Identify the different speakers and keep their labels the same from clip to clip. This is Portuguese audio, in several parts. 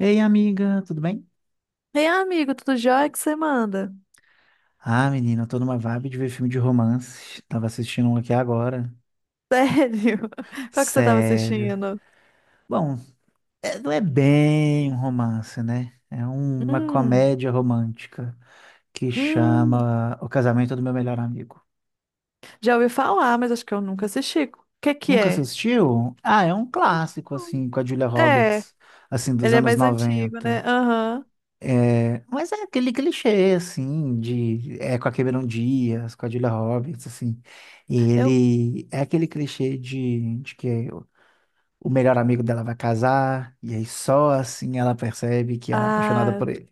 Speaker 1: Ei, amiga, tudo bem?
Speaker 2: Ei, amigo, tudo jóia. O que você manda?
Speaker 1: Ah, menina, eu tô numa vibe de ver filme de romance. Tava assistindo um aqui agora.
Speaker 2: Sério? Qual que você tava
Speaker 1: Sério.
Speaker 2: assistindo?
Speaker 1: Bom, não é bem um romance, né? É uma
Speaker 2: Hum,
Speaker 1: comédia romântica que
Speaker 2: hum,
Speaker 1: chama O Casamento do Meu Melhor Amigo.
Speaker 2: já ouvi falar, mas acho que eu nunca assisti. O que que
Speaker 1: Nunca
Speaker 2: é?
Speaker 1: assistiu? Ah, é um
Speaker 2: Acho que
Speaker 1: clássico,
Speaker 2: não.
Speaker 1: assim, com a Julia
Speaker 2: É,
Speaker 1: Roberts, assim, dos
Speaker 2: ele é
Speaker 1: anos
Speaker 2: mais antigo, né?
Speaker 1: 90.
Speaker 2: Aham.
Speaker 1: Mas é aquele clichê, assim, de... É com a Cameron Diaz, com a Julia Roberts, assim. E
Speaker 2: Eu.
Speaker 1: ele... É aquele clichê de que o melhor amigo dela vai casar, e aí só assim ela percebe que ela é apaixonada
Speaker 2: Ah.
Speaker 1: por ele.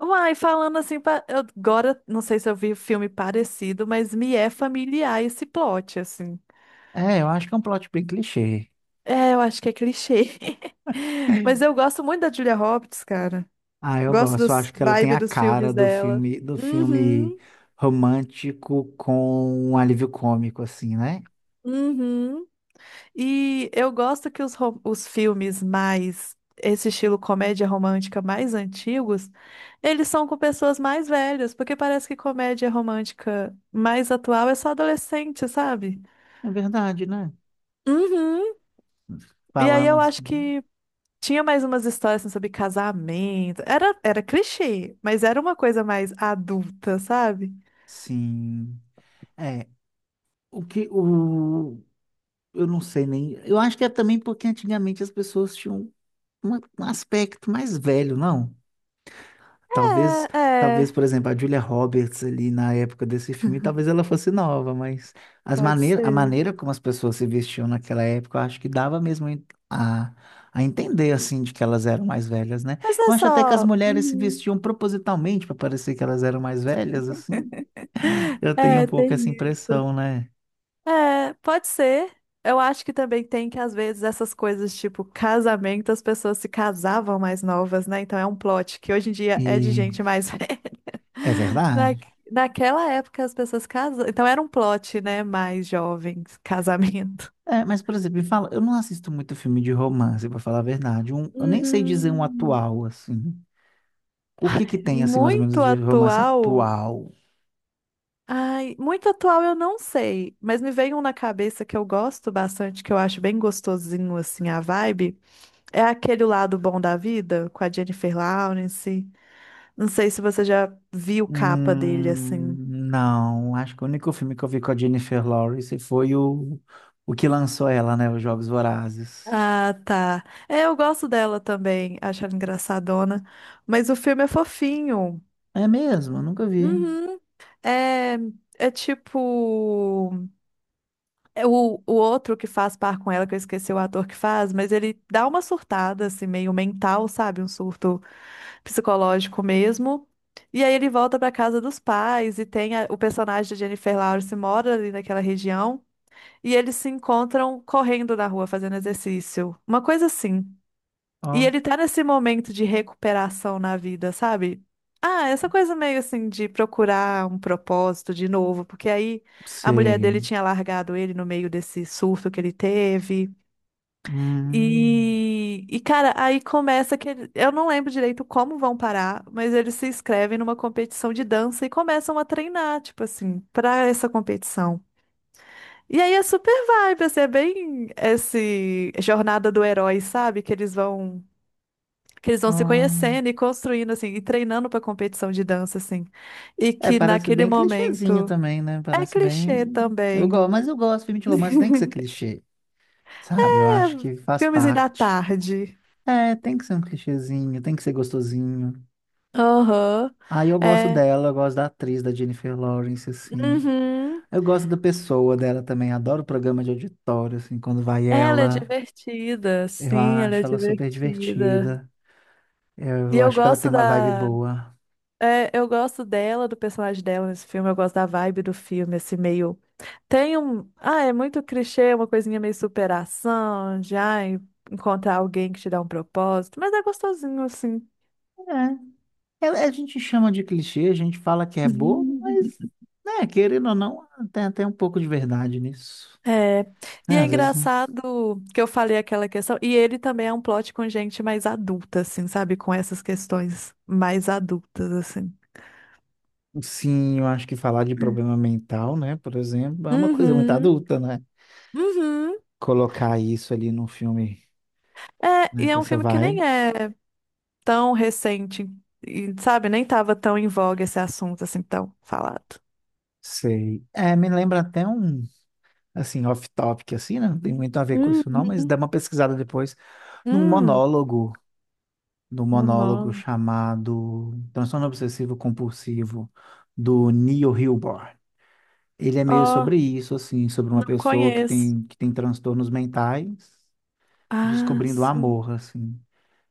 Speaker 2: Uai, falando assim, eu agora não sei se eu vi filme parecido, mas me é familiar esse plot, assim.
Speaker 1: É, eu acho que é um plot bem clichê.
Speaker 2: É, eu acho que é clichê. Mas eu gosto muito da Julia Roberts, cara.
Speaker 1: Ah, eu
Speaker 2: Gosto
Speaker 1: gosto. Eu
Speaker 2: dos
Speaker 1: acho que ela tem
Speaker 2: vibe
Speaker 1: a
Speaker 2: dos
Speaker 1: cara
Speaker 2: filmes
Speaker 1: do
Speaker 2: dela.
Speaker 1: filme, do filme
Speaker 2: Uhum.
Speaker 1: romântico com um alívio cômico, assim, né?
Speaker 2: Uhum. E eu gosto que os filmes mais, esse estilo comédia romântica mais antigos, eles são com pessoas mais velhas, porque parece que comédia romântica mais atual é só adolescente, sabe?
Speaker 1: É verdade, né?
Speaker 2: Uhum. E aí
Speaker 1: Falando
Speaker 2: eu acho
Speaker 1: assim.
Speaker 2: que tinha mais umas histórias assim, sobre casamento. Era clichê, mas era uma coisa mais adulta, sabe?
Speaker 1: Sim. É, o que o eu não sei nem. Eu acho que é também porque antigamente as pessoas tinham um aspecto mais velho, não? Talvez,
Speaker 2: É,
Speaker 1: talvez,
Speaker 2: é.
Speaker 1: por exemplo, a Julia Roberts ali na época desse filme, talvez ela fosse nova, mas as
Speaker 2: Pode
Speaker 1: maneiras, a
Speaker 2: ser.
Speaker 1: maneira como as pessoas se vestiam naquela época, eu acho que dava mesmo a, a entender assim de que elas eram mais velhas, né?
Speaker 2: Mas não
Speaker 1: Eu
Speaker 2: é
Speaker 1: acho até que as
Speaker 2: só.
Speaker 1: mulheres se
Speaker 2: Uhum.
Speaker 1: vestiam propositalmente para parecer que elas eram mais velhas, assim. Eu tenho um
Speaker 2: É,
Speaker 1: pouco
Speaker 2: tem
Speaker 1: essa
Speaker 2: isso.
Speaker 1: impressão, né?
Speaker 2: É, pode ser. Eu acho que também tem que, às vezes, essas coisas tipo casamento, as pessoas se casavam mais novas, né? Então é um plot que hoje em dia é de
Speaker 1: E
Speaker 2: gente mais velha.
Speaker 1: é
Speaker 2: Na,
Speaker 1: verdade.
Speaker 2: naquela época as pessoas casavam. Então era um plot, né? Mais jovens, casamento.
Speaker 1: É, mas, por exemplo, me fala, eu não assisto muito filme de romance, pra falar a verdade. Eu nem sei dizer um
Speaker 2: Hum,
Speaker 1: atual, assim. O que que tem, assim, mais ou
Speaker 2: muito
Speaker 1: menos, de romance
Speaker 2: atual.
Speaker 1: atual?
Speaker 2: Ai, muito atual eu não sei, mas me veio um na cabeça que eu gosto bastante, que eu acho bem gostosinho assim a vibe. É aquele lado bom da vida com a Jennifer Lawrence. Não sei se você já viu capa dele assim.
Speaker 1: Hum, não, acho que o único filme que eu vi com a Jennifer Lawrence foi o que lançou ela, né? Os Jogos Vorazes.
Speaker 2: Ah, tá. É, eu gosto dela também, acho ela engraçadona. Mas o filme é fofinho.
Speaker 1: É mesmo, eu nunca vi.
Speaker 2: Uhum. É, é tipo. É o outro que faz par com ela, que eu esqueci o ator que faz, mas ele dá uma surtada, assim, meio mental, sabe? Um surto psicológico mesmo. E aí ele volta pra casa dos pais e tem o personagem de Jennifer Lawrence mora ali naquela região. E eles se encontram correndo na rua, fazendo exercício. Uma coisa assim. E
Speaker 1: Ó,
Speaker 2: ele tá nesse momento de recuperação na vida, sabe? Ah, essa coisa meio assim de procurar um propósito de novo, porque aí a mulher dele
Speaker 1: sei.
Speaker 2: tinha largado ele no meio desse surto que ele teve.
Speaker 1: Hum,
Speaker 2: E cara, aí começa eu não lembro direito como vão parar, mas eles se inscrevem numa competição de dança e começam a treinar, tipo assim, pra essa competição. E aí é super vibe, assim, é bem esse jornada do herói, sabe? Que eles vão
Speaker 1: ó.
Speaker 2: se conhecendo e construindo assim e treinando para competição de dança assim. E
Speaker 1: É,
Speaker 2: que
Speaker 1: parece
Speaker 2: naquele
Speaker 1: bem clichêzinho
Speaker 2: momento
Speaker 1: também, né?
Speaker 2: é
Speaker 1: Parece
Speaker 2: clichê
Speaker 1: bem. Eu
Speaker 2: também.
Speaker 1: gosto, mas eu gosto, filme de romance tem que ser clichê. Sabe, eu
Speaker 2: É,
Speaker 1: acho que faz
Speaker 2: filmezinho da
Speaker 1: parte.
Speaker 2: tarde.
Speaker 1: É, tem que ser um clichêzinho, tem que ser gostosinho.
Speaker 2: Aham.
Speaker 1: Aí eu gosto
Speaker 2: É.
Speaker 1: dela, eu gosto da atriz, da Jennifer Lawrence, assim.
Speaker 2: Uhum.
Speaker 1: Eu gosto da pessoa dela também, adoro o programa de auditório, assim, quando vai
Speaker 2: Ela é
Speaker 1: ela.
Speaker 2: divertida,
Speaker 1: Eu
Speaker 2: sim, ela
Speaker 1: acho
Speaker 2: é
Speaker 1: ela super
Speaker 2: divertida.
Speaker 1: divertida.
Speaker 2: E
Speaker 1: Eu acho que ela tem uma vibe boa.
Speaker 2: é, eu gosto dela, do personagem dela nesse filme, eu gosto da vibe do filme, esse meio. Tem um. Ah, é muito clichê, uma coisinha meio superação, já encontrar alguém que te dá um propósito, mas é gostosinho assim.
Speaker 1: É, a gente chama de clichê, a gente fala que é bobo, mas, né, querendo ou não, tem até um pouco de verdade nisso.
Speaker 2: É. E
Speaker 1: Né,
Speaker 2: é
Speaker 1: às vezes.
Speaker 2: engraçado que eu falei aquela questão, e ele também é um plot com gente mais adulta, assim, sabe? Com essas questões mais adultas, assim.
Speaker 1: Sim, eu acho que falar de problema mental, né, por exemplo, é uma coisa muito
Speaker 2: Uhum,
Speaker 1: adulta, né?
Speaker 2: uhum.
Speaker 1: Colocar isso ali num filme,
Speaker 2: É,
Speaker 1: né,
Speaker 2: e
Speaker 1: com
Speaker 2: é um
Speaker 1: essa
Speaker 2: filme que nem
Speaker 1: vibe,
Speaker 2: é tão recente, e, sabe? Nem tava tão em voga esse assunto, assim, tão falado.
Speaker 1: sei. É, me lembra até um, assim, off-topic, assim, né? Não tem muito a ver com isso não, mas
Speaker 2: Uhum.
Speaker 1: dá uma pesquisada depois num
Speaker 2: Hum.
Speaker 1: monólogo, num
Speaker 2: O
Speaker 1: monólogo
Speaker 2: nome.
Speaker 1: chamado Transtorno Obsessivo Compulsivo, do Neil Hilborn. Ele é meio
Speaker 2: Ó,
Speaker 1: sobre isso, assim, sobre uma
Speaker 2: não
Speaker 1: pessoa que
Speaker 2: conheço.
Speaker 1: tem, que tem transtornos mentais,
Speaker 2: Ah,
Speaker 1: descobrindo o
Speaker 2: sim.
Speaker 1: amor, assim.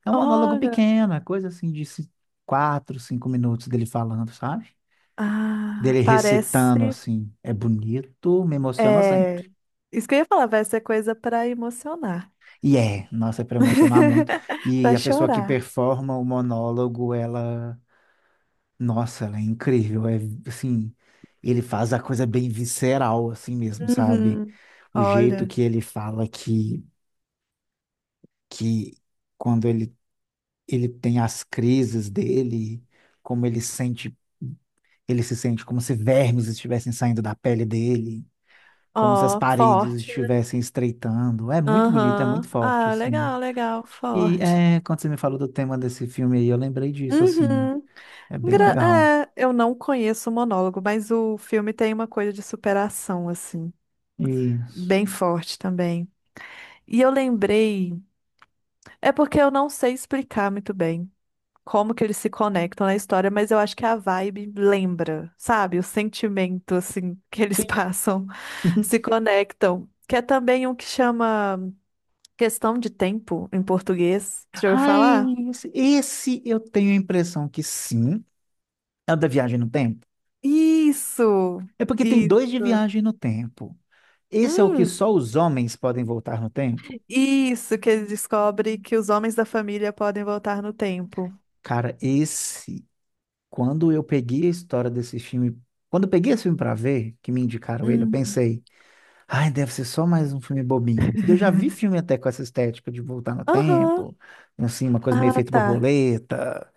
Speaker 1: É um monólogo
Speaker 2: Olha.
Speaker 1: pequeno, é coisa assim de 4, 5 minutos dele falando, sabe?
Speaker 2: Ah,
Speaker 1: Dele recitando
Speaker 2: parece.
Speaker 1: assim. É bonito, me emociona sempre.
Speaker 2: É. Isso que eu ia falar, vai ser coisa pra emocionar.
Speaker 1: E é, nossa, é para emocionar muito. E
Speaker 2: Pra
Speaker 1: a pessoa que
Speaker 2: chorar.
Speaker 1: performa o monólogo, ela, nossa, ela é incrível. É assim, ele faz a coisa bem visceral, assim mesmo, sabe?
Speaker 2: Uhum.
Speaker 1: O jeito
Speaker 2: Olha.
Speaker 1: que ele fala que quando ele tem as crises dele, como ele sente. Ele se sente como se vermes estivessem saindo da pele dele, como se as
Speaker 2: Ó,
Speaker 1: paredes
Speaker 2: forte, né?
Speaker 1: estivessem estreitando. É muito bonito, é muito
Speaker 2: Aham.
Speaker 1: forte,
Speaker 2: Ah,
Speaker 1: assim.
Speaker 2: legal, legal,
Speaker 1: E
Speaker 2: forte.
Speaker 1: é, quando você me falou do tema desse filme aí, eu lembrei disso, assim.
Speaker 2: Uhum.
Speaker 1: É bem
Speaker 2: Engra-
Speaker 1: legal.
Speaker 2: é, eu não conheço o monólogo, mas o filme tem uma coisa de superação, assim,
Speaker 1: Isso.
Speaker 2: bem forte também. E eu lembrei. É porque eu não sei explicar muito bem como que eles se conectam na história, mas eu acho que a vibe lembra, sabe? O sentimento, assim, que eles
Speaker 1: Sim.
Speaker 2: passam, se conectam. Que é também um que chama Questão de Tempo, em português. Você já ouviu
Speaker 1: Ai,
Speaker 2: falar?
Speaker 1: esse eu tenho a impressão que sim. É o da viagem no tempo?
Speaker 2: Isso!
Speaker 1: É porque tem
Speaker 2: Isso!
Speaker 1: dois de viagem no tempo. Esse é o que
Speaker 2: Hum,
Speaker 1: só os homens podem voltar no tempo?
Speaker 2: isso, que ele descobre que os homens da família podem voltar no tempo.
Speaker 1: Cara, esse quando eu peguei a história desse filme, quando eu peguei esse filme pra ver, que me indicaram ele, eu
Speaker 2: Hum.
Speaker 1: pensei, ai, deve ser só mais um filme bobinho. Porque eu já vi filme até com essa estética de voltar no
Speaker 2: Aham.
Speaker 1: tempo, assim, uma coisa meio
Speaker 2: Ah,
Speaker 1: efeito
Speaker 2: tá.
Speaker 1: borboleta,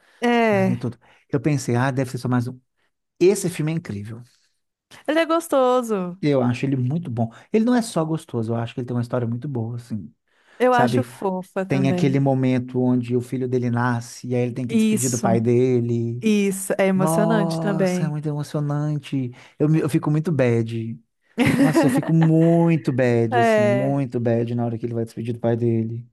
Speaker 1: né, e
Speaker 2: É.
Speaker 1: tudo. Eu pensei, ah, deve ser só mais um. Esse filme é incrível.
Speaker 2: Ele é gostoso.
Speaker 1: Eu acho ele muito bom. Ele não é só gostoso, eu acho que ele tem uma história muito boa, assim.
Speaker 2: Eu acho
Speaker 1: Sabe?
Speaker 2: fofa
Speaker 1: Tem
Speaker 2: também.
Speaker 1: aquele momento onde o filho dele nasce e aí ele tem que despedir do
Speaker 2: Isso,
Speaker 1: pai dele.
Speaker 2: isso. É emocionante
Speaker 1: Nossa, é
Speaker 2: também.
Speaker 1: muito emocionante. Eu, eu fico muito bad. Nossa, eu fico muito bad, assim,
Speaker 2: É.
Speaker 1: muito bad na hora que ele vai despedir do pai dele.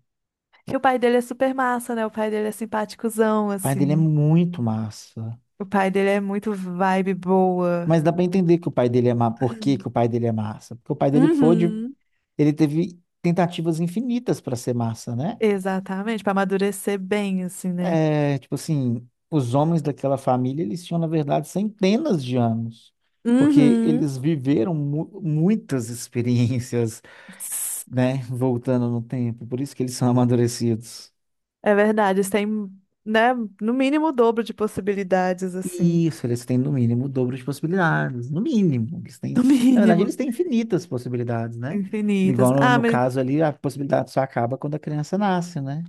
Speaker 2: E o pai dele é super massa, né? O pai dele é simpaticozão,
Speaker 1: O pai dele é
Speaker 2: assim.
Speaker 1: muito massa.
Speaker 2: O pai dele é muito vibe boa.
Speaker 1: Mas dá pra entender que o pai dele é massa. Por que que o pai dele é massa? Porque o pai dele pôde.
Speaker 2: Uhum.
Speaker 1: Ele teve tentativas infinitas pra ser massa, né?
Speaker 2: Exatamente, pra amadurecer bem, assim, né?
Speaker 1: É, tipo assim, os homens daquela família, eles tinham, na verdade, centenas de anos. Porque
Speaker 2: Uhum.
Speaker 1: eles viveram muitas experiências né? Voltando no tempo. Por isso que eles são amadurecidos.
Speaker 2: É verdade, eles têm, né, no mínimo o dobro de possibilidades, assim.
Speaker 1: Isso, eles têm no mínimo o dobro de possibilidades. No mínimo. Eles têm,
Speaker 2: No
Speaker 1: na verdade,
Speaker 2: mínimo,
Speaker 1: eles têm infinitas possibilidades, né?
Speaker 2: infinitas.
Speaker 1: Igual no,
Speaker 2: Ah,
Speaker 1: no
Speaker 2: mas
Speaker 1: caso ali, a possibilidade só acaba quando a criança nasce, né?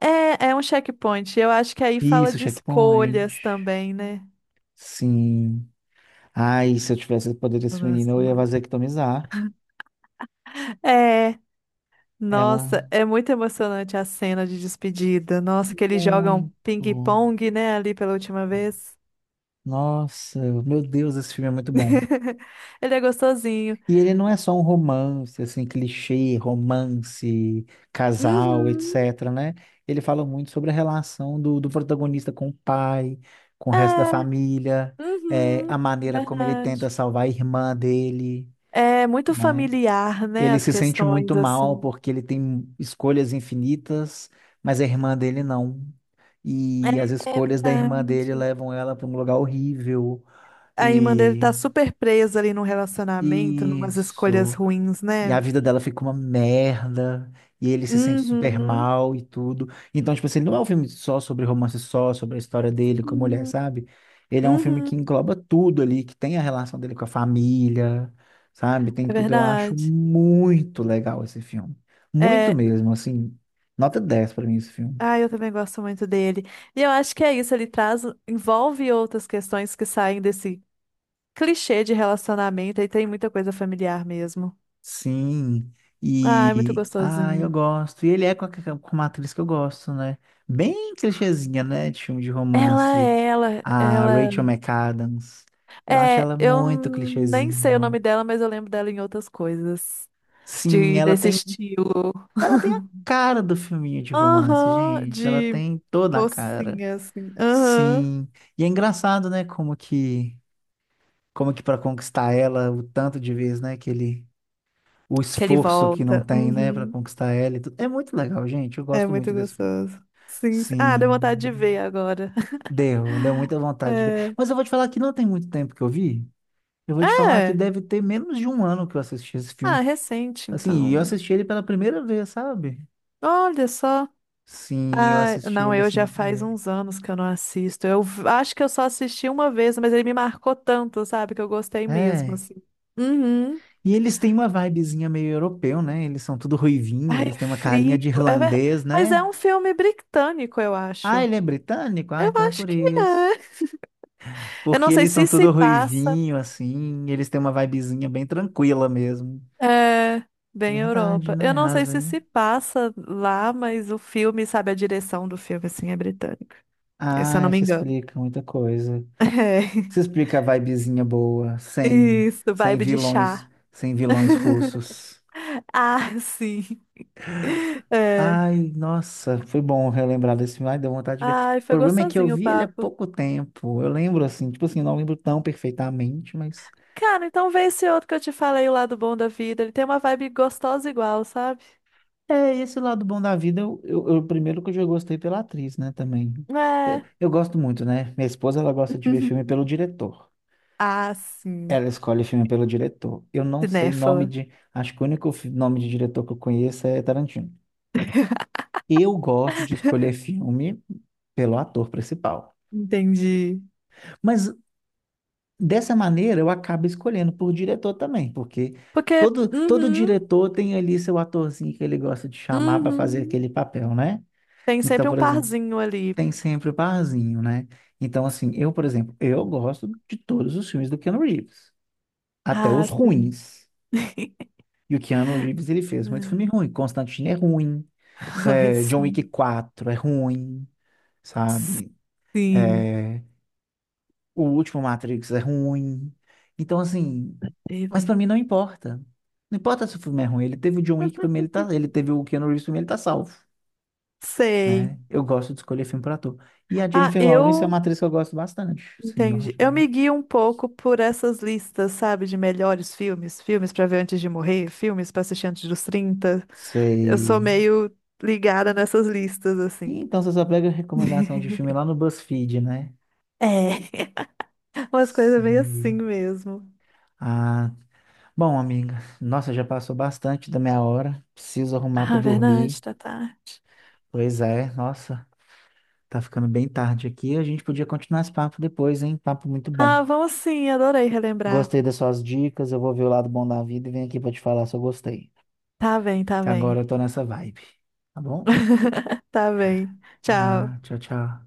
Speaker 2: é, é um checkpoint. Eu acho que aí fala
Speaker 1: Isso,
Speaker 2: de
Speaker 1: checkpoint.
Speaker 2: escolhas também, né?
Speaker 1: Sim. Ai, se eu tivesse o poder
Speaker 2: Eu
Speaker 1: desse menino,
Speaker 2: gosto
Speaker 1: eu ia
Speaker 2: muito.
Speaker 1: vasectomizar.
Speaker 2: É,
Speaker 1: É
Speaker 2: nossa,
Speaker 1: uma.
Speaker 2: é muito emocionante a cena de despedida. Nossa, que eles jogam
Speaker 1: Muito.
Speaker 2: ping-pong, né, ali pela última vez.
Speaker 1: Nossa, meu Deus, esse filme é muito bom.
Speaker 2: Ele é gostosinho.
Speaker 1: E ele não é só um romance, assim, clichê, romance, casal,
Speaker 2: Uhum,
Speaker 1: etc, né? Ele fala muito sobre a relação do protagonista com o pai, com o resto da
Speaker 2: é,
Speaker 1: família,
Speaker 2: uhum,
Speaker 1: a maneira como ele tenta
Speaker 2: verdade.
Speaker 1: salvar a irmã dele,
Speaker 2: É muito
Speaker 1: né?
Speaker 2: familiar, né,
Speaker 1: Ele
Speaker 2: as
Speaker 1: se sente
Speaker 2: questões,
Speaker 1: muito mal
Speaker 2: assim.
Speaker 1: porque ele tem escolhas infinitas, mas a irmã dele não. E as
Speaker 2: É, é
Speaker 1: escolhas da irmã dele
Speaker 2: verdade.
Speaker 1: levam ela para um lugar horrível.
Speaker 2: A irmã dele
Speaker 1: E
Speaker 2: tá super presa ali num relacionamento, numas escolhas
Speaker 1: isso.
Speaker 2: ruins,
Speaker 1: E
Speaker 2: né?
Speaker 1: a vida dela fica uma merda. E ele se sente super
Speaker 2: Uhum.
Speaker 1: mal e tudo. Então, tipo assim, não é um filme só sobre romance, só sobre a história dele com a mulher,
Speaker 2: Uhum.
Speaker 1: sabe? Ele é um filme que
Speaker 2: Uhum.
Speaker 1: engloba tudo ali, que tem a relação dele com a família, sabe? Tem
Speaker 2: É
Speaker 1: tudo. Eu acho
Speaker 2: verdade.
Speaker 1: muito legal esse filme. Muito
Speaker 2: É,
Speaker 1: mesmo, assim. Nota 10 pra mim esse filme.
Speaker 2: ah, eu também gosto muito dele. E eu acho que é isso, ele traz, envolve outras questões que saem desse clichê de relacionamento e tem muita coisa familiar mesmo.
Speaker 1: Sim,
Speaker 2: Ah, é muito
Speaker 1: e ah, eu
Speaker 2: gostosinho.
Speaker 1: gosto. E ele é com, a, com uma atriz que eu gosto, né? Bem clichêzinha, né? De filme de romance. A
Speaker 2: Ela.
Speaker 1: Rachel McAdams. Eu acho
Speaker 2: É,
Speaker 1: ela
Speaker 2: eu
Speaker 1: muito
Speaker 2: nem sei o
Speaker 1: clichêzinho.
Speaker 2: nome dela, mas eu lembro dela em outras coisas.
Speaker 1: Sim,
Speaker 2: Desse estilo.
Speaker 1: ela tem a cara do filminho de romance,
Speaker 2: Aham,
Speaker 1: gente. Ela
Speaker 2: de
Speaker 1: tem toda a cara.
Speaker 2: mocinha, assim. Aham.
Speaker 1: Sim. E é engraçado, né? Como que para conquistar ela, o tanto de vezes, né? Que ele o
Speaker 2: Que ele
Speaker 1: esforço que não
Speaker 2: volta.
Speaker 1: tem, né, para
Speaker 2: Uhum.
Speaker 1: conquistar ela e tudo. É muito legal, gente. Eu
Speaker 2: É
Speaker 1: gosto
Speaker 2: muito
Speaker 1: muito desse filme.
Speaker 2: gostoso. Sim, sim. Ah, deu vontade de
Speaker 1: Sim,
Speaker 2: ver agora.
Speaker 1: deu muita vontade de ver.
Speaker 2: É.
Speaker 1: Mas eu vou te falar que não tem muito tempo que eu vi. Eu vou te falar que
Speaker 2: É.
Speaker 1: deve ter menos de um ano que eu assisti esse
Speaker 2: Ah,
Speaker 1: filme.
Speaker 2: recente,
Speaker 1: Assim, e eu
Speaker 2: então.
Speaker 1: assisti ele pela primeira vez, sabe?
Speaker 2: Olha só.
Speaker 1: Sim, eu
Speaker 2: Ah,
Speaker 1: assisti
Speaker 2: não,
Speaker 1: ele
Speaker 2: eu
Speaker 1: assim
Speaker 2: já
Speaker 1: na
Speaker 2: faz
Speaker 1: primeira.
Speaker 2: uns anos que eu não assisto. Acho que eu só assisti uma vez, mas ele me marcou tanto, sabe? Que eu gostei mesmo,
Speaker 1: É.
Speaker 2: assim. Uhum.
Speaker 1: E eles têm uma vibezinha meio europeu, né? Eles são tudo ruivinho,
Speaker 2: Ai,
Speaker 1: eles têm uma carinha
Speaker 2: frio.
Speaker 1: de
Speaker 2: É ver-
Speaker 1: irlandês,
Speaker 2: Mas é
Speaker 1: né?
Speaker 2: um filme britânico, eu acho.
Speaker 1: Ah, ele é britânico? Ah,
Speaker 2: Eu
Speaker 1: então é
Speaker 2: acho
Speaker 1: por
Speaker 2: que
Speaker 1: isso.
Speaker 2: é. Eu
Speaker 1: Porque
Speaker 2: não sei
Speaker 1: eles são
Speaker 2: se se
Speaker 1: tudo
Speaker 2: passa.
Speaker 1: ruivinho, assim, e eles têm uma vibezinha bem tranquila mesmo.
Speaker 2: É, bem
Speaker 1: Verdade,
Speaker 2: Europa. Eu
Speaker 1: né?
Speaker 2: não
Speaker 1: Às
Speaker 2: sei se
Speaker 1: vezes.
Speaker 2: se passa lá, mas o filme, sabe, a direção do filme, assim, é britânica, se eu
Speaker 1: Ah,
Speaker 2: não me
Speaker 1: isso
Speaker 2: engano.
Speaker 1: explica muita coisa. Isso
Speaker 2: É.
Speaker 1: explica a vibezinha boa, sem,
Speaker 2: Isso,
Speaker 1: sem
Speaker 2: vibe de
Speaker 1: vilões,
Speaker 2: chá.
Speaker 1: sem vilões russos.
Speaker 2: Ah, sim. É.
Speaker 1: Ai, nossa, foi bom relembrar desse filme. Ai, deu vontade de ver.
Speaker 2: Ai,
Speaker 1: O
Speaker 2: foi
Speaker 1: problema é que eu
Speaker 2: gostosinho o
Speaker 1: vi ele há
Speaker 2: papo.
Speaker 1: pouco tempo. Eu lembro, assim, tipo assim, não lembro tão perfeitamente, mas
Speaker 2: Cara, então vê esse outro que eu te falei, O Lado Bom da Vida. Ele tem uma vibe gostosa igual, sabe?
Speaker 1: é, esse lado bom da vida, primeiro que eu já gostei pela atriz, né, também. Eu,
Speaker 2: É.
Speaker 1: eu gosto muito, né? Minha esposa, ela gosta de ver filme pelo diretor.
Speaker 2: Ah, sim.
Speaker 1: Ela escolhe filme pelo diretor. Eu não sei nome
Speaker 2: Cinéfala.
Speaker 1: de... Acho que o único nome de diretor que eu conheço é Tarantino. Eu gosto de escolher filme pelo ator principal.
Speaker 2: Entendi.
Speaker 1: Mas, dessa maneira, eu acabo escolhendo por diretor também, porque
Speaker 2: Porque.
Speaker 1: todo
Speaker 2: Uhum,
Speaker 1: diretor tem ali seu atorzinho que ele gosta de chamar para fazer
Speaker 2: uhum.
Speaker 1: aquele papel, né?
Speaker 2: Tem
Speaker 1: Então,
Speaker 2: sempre um
Speaker 1: por exemplo,
Speaker 2: parzinho ali.
Speaker 1: tem sempre o parzinho, né? Então, assim, eu, por exemplo, eu gosto de todos os filmes do Keanu Reeves, até
Speaker 2: Ah,
Speaker 1: os
Speaker 2: sim.
Speaker 1: ruins. E o Keanu Reeves, ele fez muito filme ruim. Constantine é ruim,
Speaker 2: Ai,
Speaker 1: é, John Wick
Speaker 2: sim.
Speaker 1: quatro é ruim, sabe?
Speaker 2: Sim.
Speaker 1: O último Matrix é ruim. Então, assim, mas
Speaker 2: Teve.
Speaker 1: pra mim não importa. Não importa se o filme é ruim, ele teve o John Wick, pra mim ele tá, ele teve o Keanu Reeves, pra mim ele tá salvo.
Speaker 2: Sei.
Speaker 1: Né? Eu gosto de escolher filme para ator. E a
Speaker 2: Ah,
Speaker 1: Jennifer Lawrence é uma
Speaker 2: eu
Speaker 1: atriz que eu gosto bastante. Sim, eu
Speaker 2: entendi.
Speaker 1: acho.
Speaker 2: Eu
Speaker 1: Bem.
Speaker 2: me guio um pouco por essas listas, sabe, de melhores filmes, filmes pra ver antes de morrer, filmes pra assistir antes dos 30. Eu sou
Speaker 1: Sei.
Speaker 2: meio ligada nessas listas,
Speaker 1: E
Speaker 2: assim.
Speaker 1: então você só pega recomendação de filme lá no BuzzFeed, né?
Speaker 2: É, umas coisas meio assim
Speaker 1: Sim.
Speaker 2: mesmo.
Speaker 1: Ah, bom, amiga. Nossa, já passou bastante da minha hora. Preciso arrumar para
Speaker 2: Ah,
Speaker 1: dormir.
Speaker 2: verdade, tá tarde.
Speaker 1: Pois é, nossa, tá ficando bem tarde aqui. A gente podia continuar esse papo depois, hein? Papo muito bom.
Speaker 2: Ah, vamos sim, adorei relembrar.
Speaker 1: Gostei das suas dicas. Eu vou ver o lado bom da vida e venho aqui para te falar se eu gostei.
Speaker 2: Tá bem, tá
Speaker 1: Que agora eu
Speaker 2: bem.
Speaker 1: tô nessa vibe. Tá bom?
Speaker 2: Tá bem. Tchau.
Speaker 1: Ah, tchau, tchau.